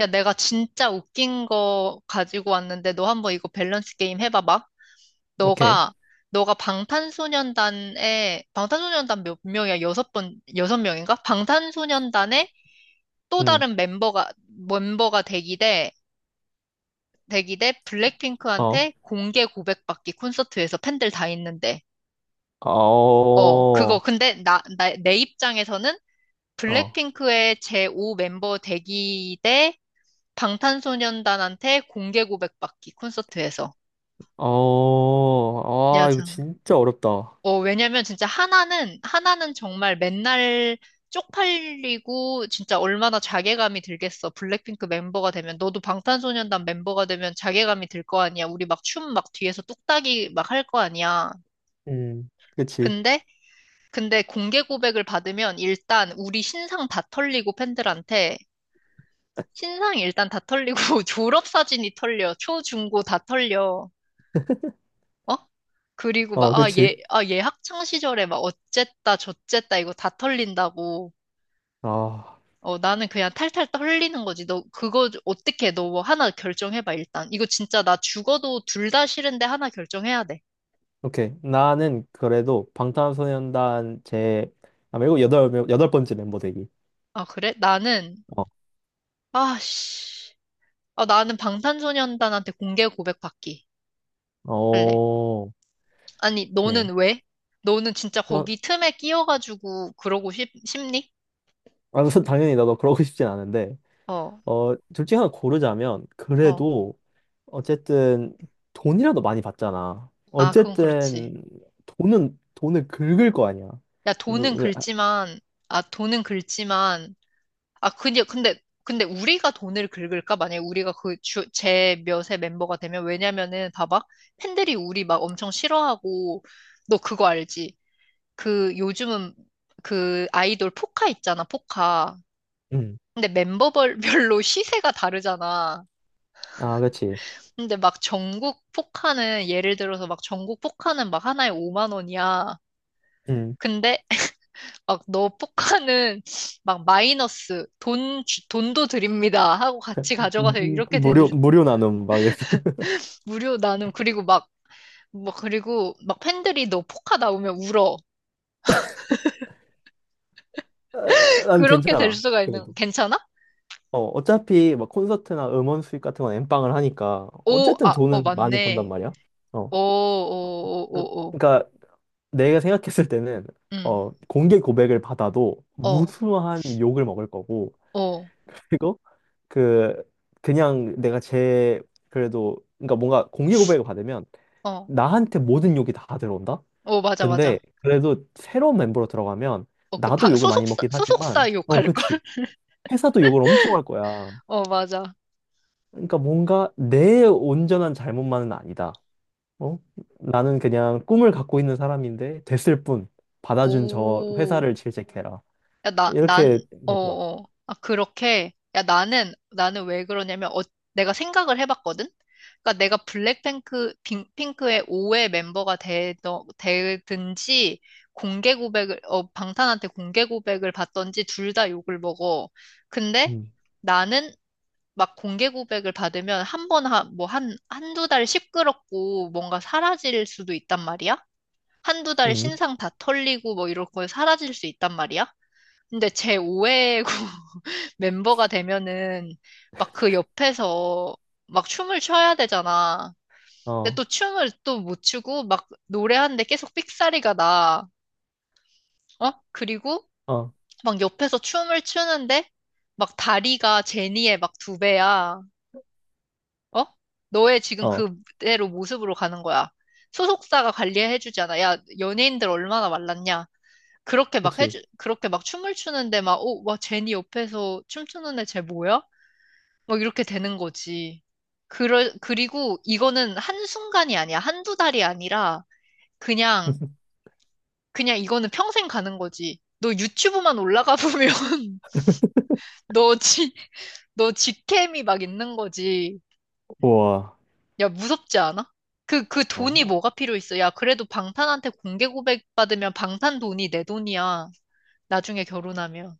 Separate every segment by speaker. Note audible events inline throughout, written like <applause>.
Speaker 1: 야, 내가 진짜 웃긴 거 가지고 왔는데 너 한번 이거 밸런스 게임 해봐봐.
Speaker 2: 오케이.
Speaker 1: 너가 너가 방탄소년단 몇 명이야? 여섯 명인가? 방탄소년단의 또
Speaker 2: 응.
Speaker 1: 다른 멤버가 되기 대
Speaker 2: 어.
Speaker 1: 블랙핑크한테 공개 고백받기 콘서트에서 팬들 다 있는데.
Speaker 2: 어.
Speaker 1: 어, 그거 근데 내 입장에서는
Speaker 2: 어.
Speaker 1: 블랙핑크의 제5 멤버 되기 대 방탄소년단한테 공개 고백받기 콘서트에서.
Speaker 2: 어. 아, 이거
Speaker 1: 여자.
Speaker 2: 진짜 어렵다.
Speaker 1: 어, 왜냐면 진짜 하나는 정말 맨날 쪽팔리고 진짜 얼마나 자괴감이 들겠어. 블랙핑크 멤버가 되면. 너도 방탄소년단 멤버가 되면 자괴감이 들 거 아니야. 우리 막 춤 막 뒤에서 뚝딱이 막 할 거 아니야.
Speaker 2: 음, 그치.
Speaker 1: 근데, 근데 공개 고백을 받으면 일단 우리 신상 다 털리고 팬들한테 신상 일단 다 털리고 <laughs> 졸업 사진이 털려. 초, 중, 고 다 털려. 어? 그리고 막,
Speaker 2: 어, 그치.
Speaker 1: 얘 학창 시절에 막 어쨌다, 저쨌다, 이거 다 털린다고.
Speaker 2: 아,
Speaker 1: 어, 나는 그냥 탈탈 털리는 거지. 너, 그거 어떻게 해? 너뭐 하나 결정해봐, 일단. 이거 진짜 나 죽어도 둘 다 싫은데 하나 결정해야 돼.
Speaker 2: 오케이. 나는 그래도 방탄소년단 아, 말고 여덟 번째 멤버 되기.
Speaker 1: 아, 그래? 나는,
Speaker 2: 어.
Speaker 1: 아, 씨. 아, 나는 방탄소년단한테 공개 고백 받기 할래.
Speaker 2: 어,
Speaker 1: 아니,
Speaker 2: 오케이.
Speaker 1: 너는 왜? 너는 진짜
Speaker 2: 어,
Speaker 1: 거기 틈에 끼어가지고 그러고 싶니?
Speaker 2: 아, <laughs> 당연히 나도 그러고 싶진 않은데,
Speaker 1: 어,
Speaker 2: 어, 둘 중에 하나 고르자면,
Speaker 1: 어.
Speaker 2: 그래도 어쨌든 돈이라도 많이 받잖아.
Speaker 1: 아, 그건 그렇지.
Speaker 2: 어쨌든 돈은 돈을 긁을 거 아니야.
Speaker 1: 나 돈은
Speaker 2: 아,
Speaker 1: 긁지만, 아, 돈은 긁지만, 아, 근데 우리가 돈을 긁을까? 만약에 우리가 제 몇의 멤버가 되면, 왜냐면은, 봐봐. 팬들이 우리 막 엄청 싫어하고, 너 그거 알지? 그, 요즘은 그 아이돌 포카 있잖아, 포카.
Speaker 2: 음.
Speaker 1: 근데 멤버별로 <laughs> 시세가 다르잖아.
Speaker 2: 아, 그렇지.
Speaker 1: 근데 막 전국 포카는, 예를 들어서 막 전국 포카는 막 하나에 5만 원이야.
Speaker 2: 음.
Speaker 1: 근데 막 너 포카는 <laughs> 막 마이너스 돈도 드립니다 하고 같이 가져가세요 이렇게
Speaker 2: 무료
Speaker 1: 되는
Speaker 2: 무료 나눔 막 이렇게.
Speaker 1: 무료 나눔 그리고 막 뭐 그리고 막 팬들이 너 포카 나오면 울어
Speaker 2: 아,
Speaker 1: <laughs>
Speaker 2: 난
Speaker 1: 그렇게 될
Speaker 2: 괜찮아.
Speaker 1: 수가 있는
Speaker 2: 그래도.
Speaker 1: 괜찮아?
Speaker 2: 어, 어차피 막 콘서트나 음원 수익 같은 건 엠빵을 하니까
Speaker 1: 오,
Speaker 2: 어쨌든
Speaker 1: 아, 어,
Speaker 2: 돈은 많이 번단
Speaker 1: 맞네.
Speaker 2: 말이야. 어.
Speaker 1: 오오오 오 오.
Speaker 2: 그러니까 내가 생각했을 때는 어,
Speaker 1: 응,
Speaker 2: 공개 고백을 받아도
Speaker 1: 어,
Speaker 2: 무수한 욕을 먹을 거고
Speaker 1: 어
Speaker 2: 그리고 그 그냥 내가 제 그래도 그러니까 뭔가 공개 고백을 받으면
Speaker 1: 어
Speaker 2: 나한테 모든 욕이 다 들어온다.
Speaker 1: 어 맞아,
Speaker 2: 근데
Speaker 1: 맞아.
Speaker 2: 그래도 새로운 멤버로 들어가면
Speaker 1: 어, 그 다
Speaker 2: 나도 욕을 많이
Speaker 1: 소속사
Speaker 2: 먹긴 하지만,
Speaker 1: 소속사
Speaker 2: 어,
Speaker 1: 욕할 걸.
Speaker 2: 그치,
Speaker 1: <laughs>
Speaker 2: 회사도 욕을 엄청 할 거야.
Speaker 1: 어, 맞아.
Speaker 2: 그러니까 뭔가 내 온전한 잘못만은 아니다. 어? 나는 그냥 꿈을 갖고 있는 사람인데 됐을 뿐 받아준 저
Speaker 1: 오.
Speaker 2: 회사를 질책해라.
Speaker 1: 야, 난,
Speaker 2: 이렇게
Speaker 1: 어,
Speaker 2: 될 것 같아.
Speaker 1: 어. 아, 그렇게. 야, 나는 왜 그러냐면, 내가 생각을 해봤거든? 그러니까 내가 핑크의 5회 멤버가 되든지, 방탄한테 공개 고백을 받던지, 둘 다 욕을 먹어. 근데
Speaker 2: 음.
Speaker 1: 나는 막 공개 고백을 받으면 한 번, 한, 뭐, 한, 한두 달 시끄럽고 뭔가 사라질 수도 있단 말이야? 한 두 달
Speaker 2: 음.
Speaker 1: 신상 다 털리고 뭐 이런 거 사라질 수 있단 말이야? 근데 제 5회 <laughs> 멤버가 되면은 막 그 옆에서 막 춤을 춰야 되잖아. 근데
Speaker 2: 어.
Speaker 1: 또 춤을 또 못 추고 막 노래하는데 계속 삑사리가 나. 어? 그리고
Speaker 2: 어.
Speaker 1: 막 옆에서 춤을 추는데 막 다리가 제니의 막 두 배야. 어? 너의 지금
Speaker 2: 어.
Speaker 1: 그대로 모습으로 가는 거야. 소속사가 관리해주잖아. 야, 연예인들 얼마나 말랐냐.
Speaker 2: 그치.
Speaker 1: 그렇게 막 춤을 추는데 막, 어, 와, 제니 옆에서 춤추는 애 쟤 뭐야? 뭐 이렇게 되는 거지. 그리고 이거는 한순간이 아니야. 한두 달이 아니라 그냥,
Speaker 2: <laughs>
Speaker 1: 그냥 이거는 평생 가는 거지. 너 유튜브만 올라가 보면 <laughs> 너 지, 너 직캠이 막 있는 거지.
Speaker 2: 우와.
Speaker 1: 야, 무섭지 않아? 그 돈이
Speaker 2: 어.
Speaker 1: 뭐가 필요 있어? 야, 그래도 방탄한테 공개 고백 받으면 방탄 돈이 내 돈이야. 나중에 결혼하면.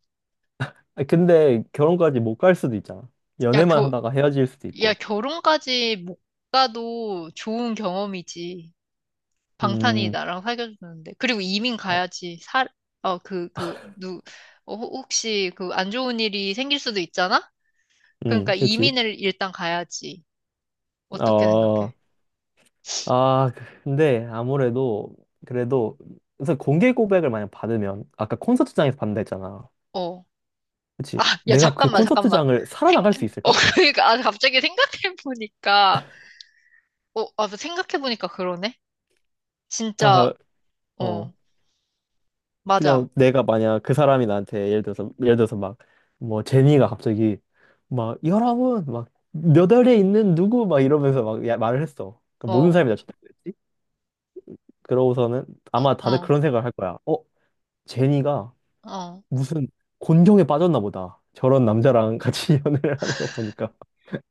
Speaker 2: 아, 근데 결혼까지 못 갈 수도 있잖아.
Speaker 1: 야,
Speaker 2: 연애만
Speaker 1: 겨,
Speaker 2: 하다가 헤어질 수도
Speaker 1: 야,
Speaker 2: 있고.
Speaker 1: 결혼까지 못 가도 좋은 경험이지. 방탄이
Speaker 2: 음,
Speaker 1: 나랑 사귀어주는데. 그리고 이민
Speaker 2: 어,
Speaker 1: 가야지. 어, 그, 그, 누, 혹시 그 안 좋은 일이 생길 수도 있잖아? 그러니까
Speaker 2: 그렇지.
Speaker 1: 이민을 일단 가야지. 어떻게 생각해?
Speaker 2: 어, 아, 근데 아무래도 그래도 그래서 공개 고백을 만약 받으면 아까 콘서트장에서 받는다 했잖아.
Speaker 1: 어. 아,
Speaker 2: 그렇지.
Speaker 1: 야,
Speaker 2: 내가 그
Speaker 1: 잠깐만, 잠깐만.
Speaker 2: 콘서트장을
Speaker 1: 생,
Speaker 2: 살아나갈 수
Speaker 1: 어,
Speaker 2: 있을까?
Speaker 1: <laughs> 그러니까, 아, 갑자기 생각해보니까, 생각해보니까 그러네? 진짜,
Speaker 2: 다, 어.
Speaker 1: 어, 맞아.
Speaker 2: 그냥 내가 만약 그 사람이 나한테 예를 들어서 막 뭐 제니가 갑자기 막 여러분 막몇 월에 있는 누구 막 이러면서 말을 했어. 그 모든
Speaker 1: 어,
Speaker 2: 사람이 나 쳐다보겠지? 그러고서는 아마 다들
Speaker 1: 어,
Speaker 2: 그런 생각을 할 거야. 어? 제니가
Speaker 1: 어.
Speaker 2: 무슨 곤경에 빠졌나 보다. 저런 남자랑 같이 <laughs> 연애를 하는 거 보니까.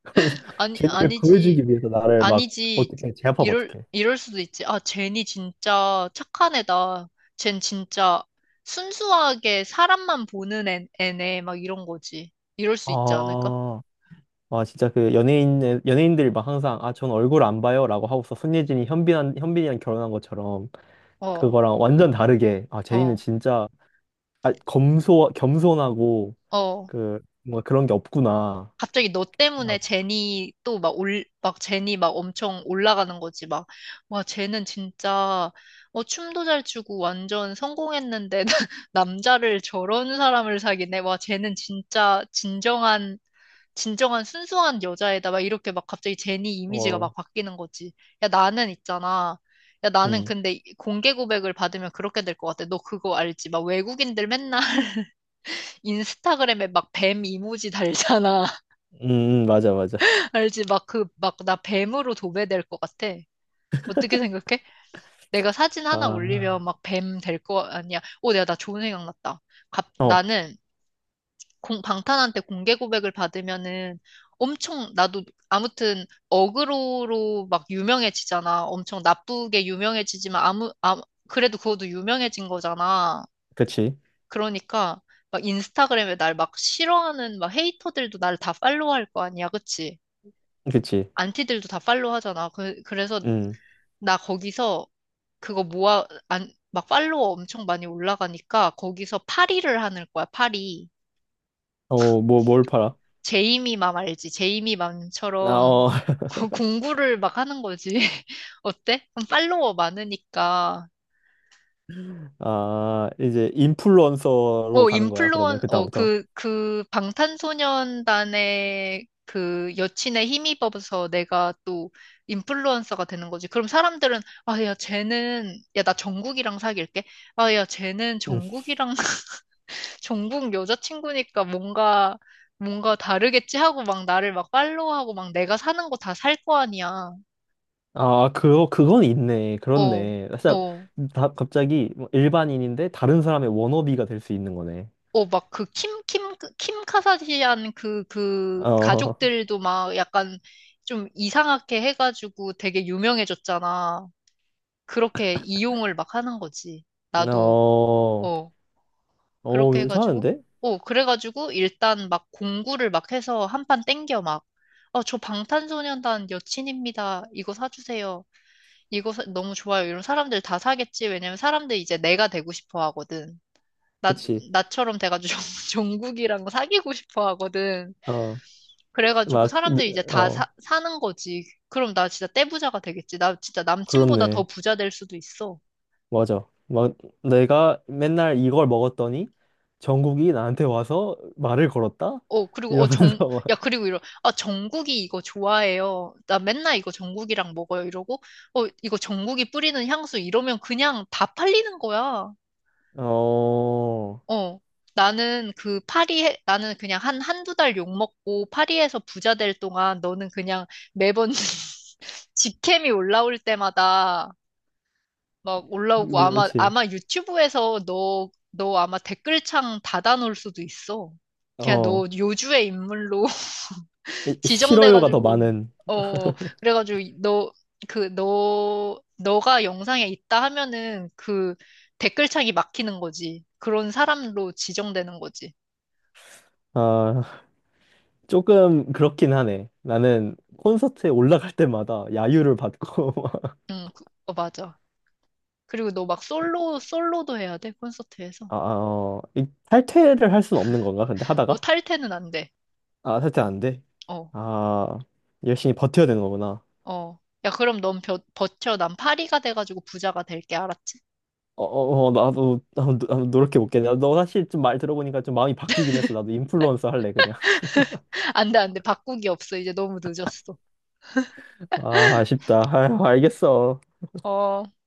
Speaker 2: 그러면서
Speaker 1: 아니,
Speaker 2: 제니를
Speaker 1: 아니지.
Speaker 2: 구해주기 위해서 나를 막
Speaker 1: 아니지.
Speaker 2: 어떻게 제압하면
Speaker 1: 이럴,
Speaker 2: 어떡해.
Speaker 1: 이럴 수도 있지. 아, 젠이 진짜 착한 애다. 젠 진짜 순수하게 사람만 보는 애네. 막 이런 거지. 이럴 수 있지 않을까?
Speaker 2: 아, 와, 진짜 그 연예인들이 막 항상, 아, 전 얼굴 안 봐요. 라고 하고서 손예진이 현빈이랑 결혼한 것처럼,
Speaker 1: 어,
Speaker 2: 그거랑 완전 다르게, 아, 제니는
Speaker 1: 어,
Speaker 2: 진짜, 아, 겸손하고,
Speaker 1: 어.
Speaker 2: 그, 뭔가 그런 게 없구나.
Speaker 1: 갑자기 너 때문에
Speaker 2: 라고.
Speaker 1: 막 제니 막 엄청 올라가는 거지. 막, 와, 쟤은 진짜, 어, 춤도 잘 추고 완전 성공했는데, <laughs> 남자를 저런 사람을 사귀네. 와, 쟤는 진짜 진정한 진정한 순수한 여자애다. 막 이렇게 막 갑자기 제니 이미지가
Speaker 2: 어,
Speaker 1: 막 바뀌는 거지. 야, 나는 있잖아. 야, 나는
Speaker 2: 음,
Speaker 1: 근데 공개 고백을 받으면 그렇게 될 것 같아. 너 그거 알지? 막 외국인들 맨날 <laughs> 인스타그램에 막 뱀 이모지 달잖아.
Speaker 2: 맞아, 맞아.
Speaker 1: <laughs> 알지? 막 막 나 뱀으로 도배될 것 같아. 어떻게 생각해? 내가 사진 하나 올리면
Speaker 2: 아,
Speaker 1: 막 뱀 될 거 아니야. 오, 내가 나 좋은 생각 났다.
Speaker 2: 어,
Speaker 1: 나는 방탄한테 공개 고백을 받으면은 엄청 나도 아무튼 어그로로 막 유명해지잖아. 엄청 나쁘게 유명해지지만 아무 아 그래도 그것도 유명해진 거잖아.
Speaker 2: 그치,
Speaker 1: 그러니까 막 인스타그램에 날 막 싫어하는 막 헤이터들도 날 다 팔로우할 거 아니야, 그치?
Speaker 2: 그치.
Speaker 1: 안티들도 다 팔로우하잖아. 그래서
Speaker 2: 음,
Speaker 1: 나 거기서 그거 모아 안 막 팔로워 엄청 많이 올라가니까 거기서 파리를 하는 거야, 파리.
Speaker 2: 어, 뭘 팔아?
Speaker 1: 제이미맘 알지?
Speaker 2: 아,
Speaker 1: 제이미맘처럼
Speaker 2: 어,
Speaker 1: <laughs> 공부를 막 하는 거지. <laughs> 어때? 그럼 팔로워 많으니까.
Speaker 2: <laughs> 아, 이제 인플루언서로 가는 거야, 그러면, 그다음부터.
Speaker 1: 그 방탄소년단의 그 여친의 힘입어서 내가 또 인플루언서가 되는 거지. 그럼 사람들은, 아, 야, 쟤는, 야, 나 정국이랑 사귈게. 아, 야, 쟤는
Speaker 2: 음.
Speaker 1: 정국이랑, <laughs> 정국 여자친구니까 뭔가 다르겠지 하고 막 나를 막 팔로우하고 막 내가 사는 거 다 살 거 아니야.
Speaker 2: 아, 그건 있네.
Speaker 1: 어,
Speaker 2: 그렇네. 살짝,
Speaker 1: 어,
Speaker 2: 갑자기 뭐 일반인인데 다른 사람의 워너비가 될 수 있는 거네.
Speaker 1: 어, 막 그 킴 카사디안 그
Speaker 2: 어,
Speaker 1: 가족들도 막 약간 좀 이상하게 해가지고 되게 유명해졌잖아. 그렇게 이용을 막 하는 거지.
Speaker 2: <laughs>
Speaker 1: 나도,
Speaker 2: 어,
Speaker 1: 어,
Speaker 2: 어,
Speaker 1: 그렇게 해가지고,
Speaker 2: 괜찮은데?
Speaker 1: 그래가지고 일단 막 공구를 막 해서 한 판 땡겨 막. 어, 저 방탄소년단 여친입니다. 이거 사주세요. 너무 좋아요. 이런 사람들 다 사겠지. 왜냐면 사람들 이제 내가 되고 싶어 하거든. 나,
Speaker 2: 그치.
Speaker 1: 나처럼 돼가지고 <laughs> 국이랑 사귀고 싶어 하거든.
Speaker 2: 어,
Speaker 1: 그래가지고
Speaker 2: 막, 네,
Speaker 1: 사람들이 이제 다 사,
Speaker 2: 어,
Speaker 1: 사는 거지. 그럼 나 진짜 떼부자가 되겠지. 나 진짜 남친보다 더
Speaker 2: 그렇네.
Speaker 1: 부자 될 수도 있어.
Speaker 2: 맞아. 막, 내가 맨날 이걸 먹었더니 정국이 나한테 와서 말을 걸었다?
Speaker 1: 어, 그리고, 어, 정,
Speaker 2: 이러면서
Speaker 1: 야,
Speaker 2: <laughs>
Speaker 1: 그리고 정국이 이거 좋아해요. 나 맨날 이거 정국이랑 먹어요. 이러고, 이거 정국이 뿌리는 향수 이러면 그냥 다 팔리는 거야.
Speaker 2: 막, 어,
Speaker 1: 어, 나는 나는 그냥 한두 달 욕먹고 파리에서 부자 될 동안 너는 그냥 매번 <laughs> 직캠이 올라올 때마다 막 올라오고 아마,
Speaker 2: 그치.
Speaker 1: 아마 유튜브에서 너 아마 댓글창 닫아놓을 수도 있어. 그냥 너
Speaker 2: 어,
Speaker 1: 요주의 인물로 <laughs>
Speaker 2: 싫어요가 더
Speaker 1: 지정돼가지고,
Speaker 2: 많은,
Speaker 1: 어, 그래가지고 너가 영상에 있다 하면은 그 댓글창이 막히는 거지. 그런 사람으로 지정되는 거지.
Speaker 2: 아. 조금 그렇긴 하네. 나는 콘서트에 올라갈 때마다 야유를 받고 <laughs>
Speaker 1: 응, 맞아. 그리고 너 막 솔로도 해야 돼, 콘서트에서.
Speaker 2: 아, 아, 어, 이 탈퇴를 할 수는 없는 건가? 근데
Speaker 1: 어,
Speaker 2: 하다가?
Speaker 1: 탈퇴는 안 돼.
Speaker 2: 아, 탈퇴 안 돼.
Speaker 1: 어,
Speaker 2: 아, 열심히 버텨야 되는 거구나.
Speaker 1: 어. 야, 그럼 넌 버텨. 난 파리가 돼가지고 부자가 될게, 알았지?
Speaker 2: 어, 어, 어, 나도, 나도, 나도 노력해 볼게. 너 사실 좀 말 들어보니까 좀 마음이 바뀌긴 했어. 나도 인플루언서 할래, 그냥.
Speaker 1: <laughs> 안 돼, 안 돼. 바꾸기 없어. 이제 너무 늦었어.
Speaker 2: <laughs> 아, 아쉽다. 아유, 알겠어.
Speaker 1: 어.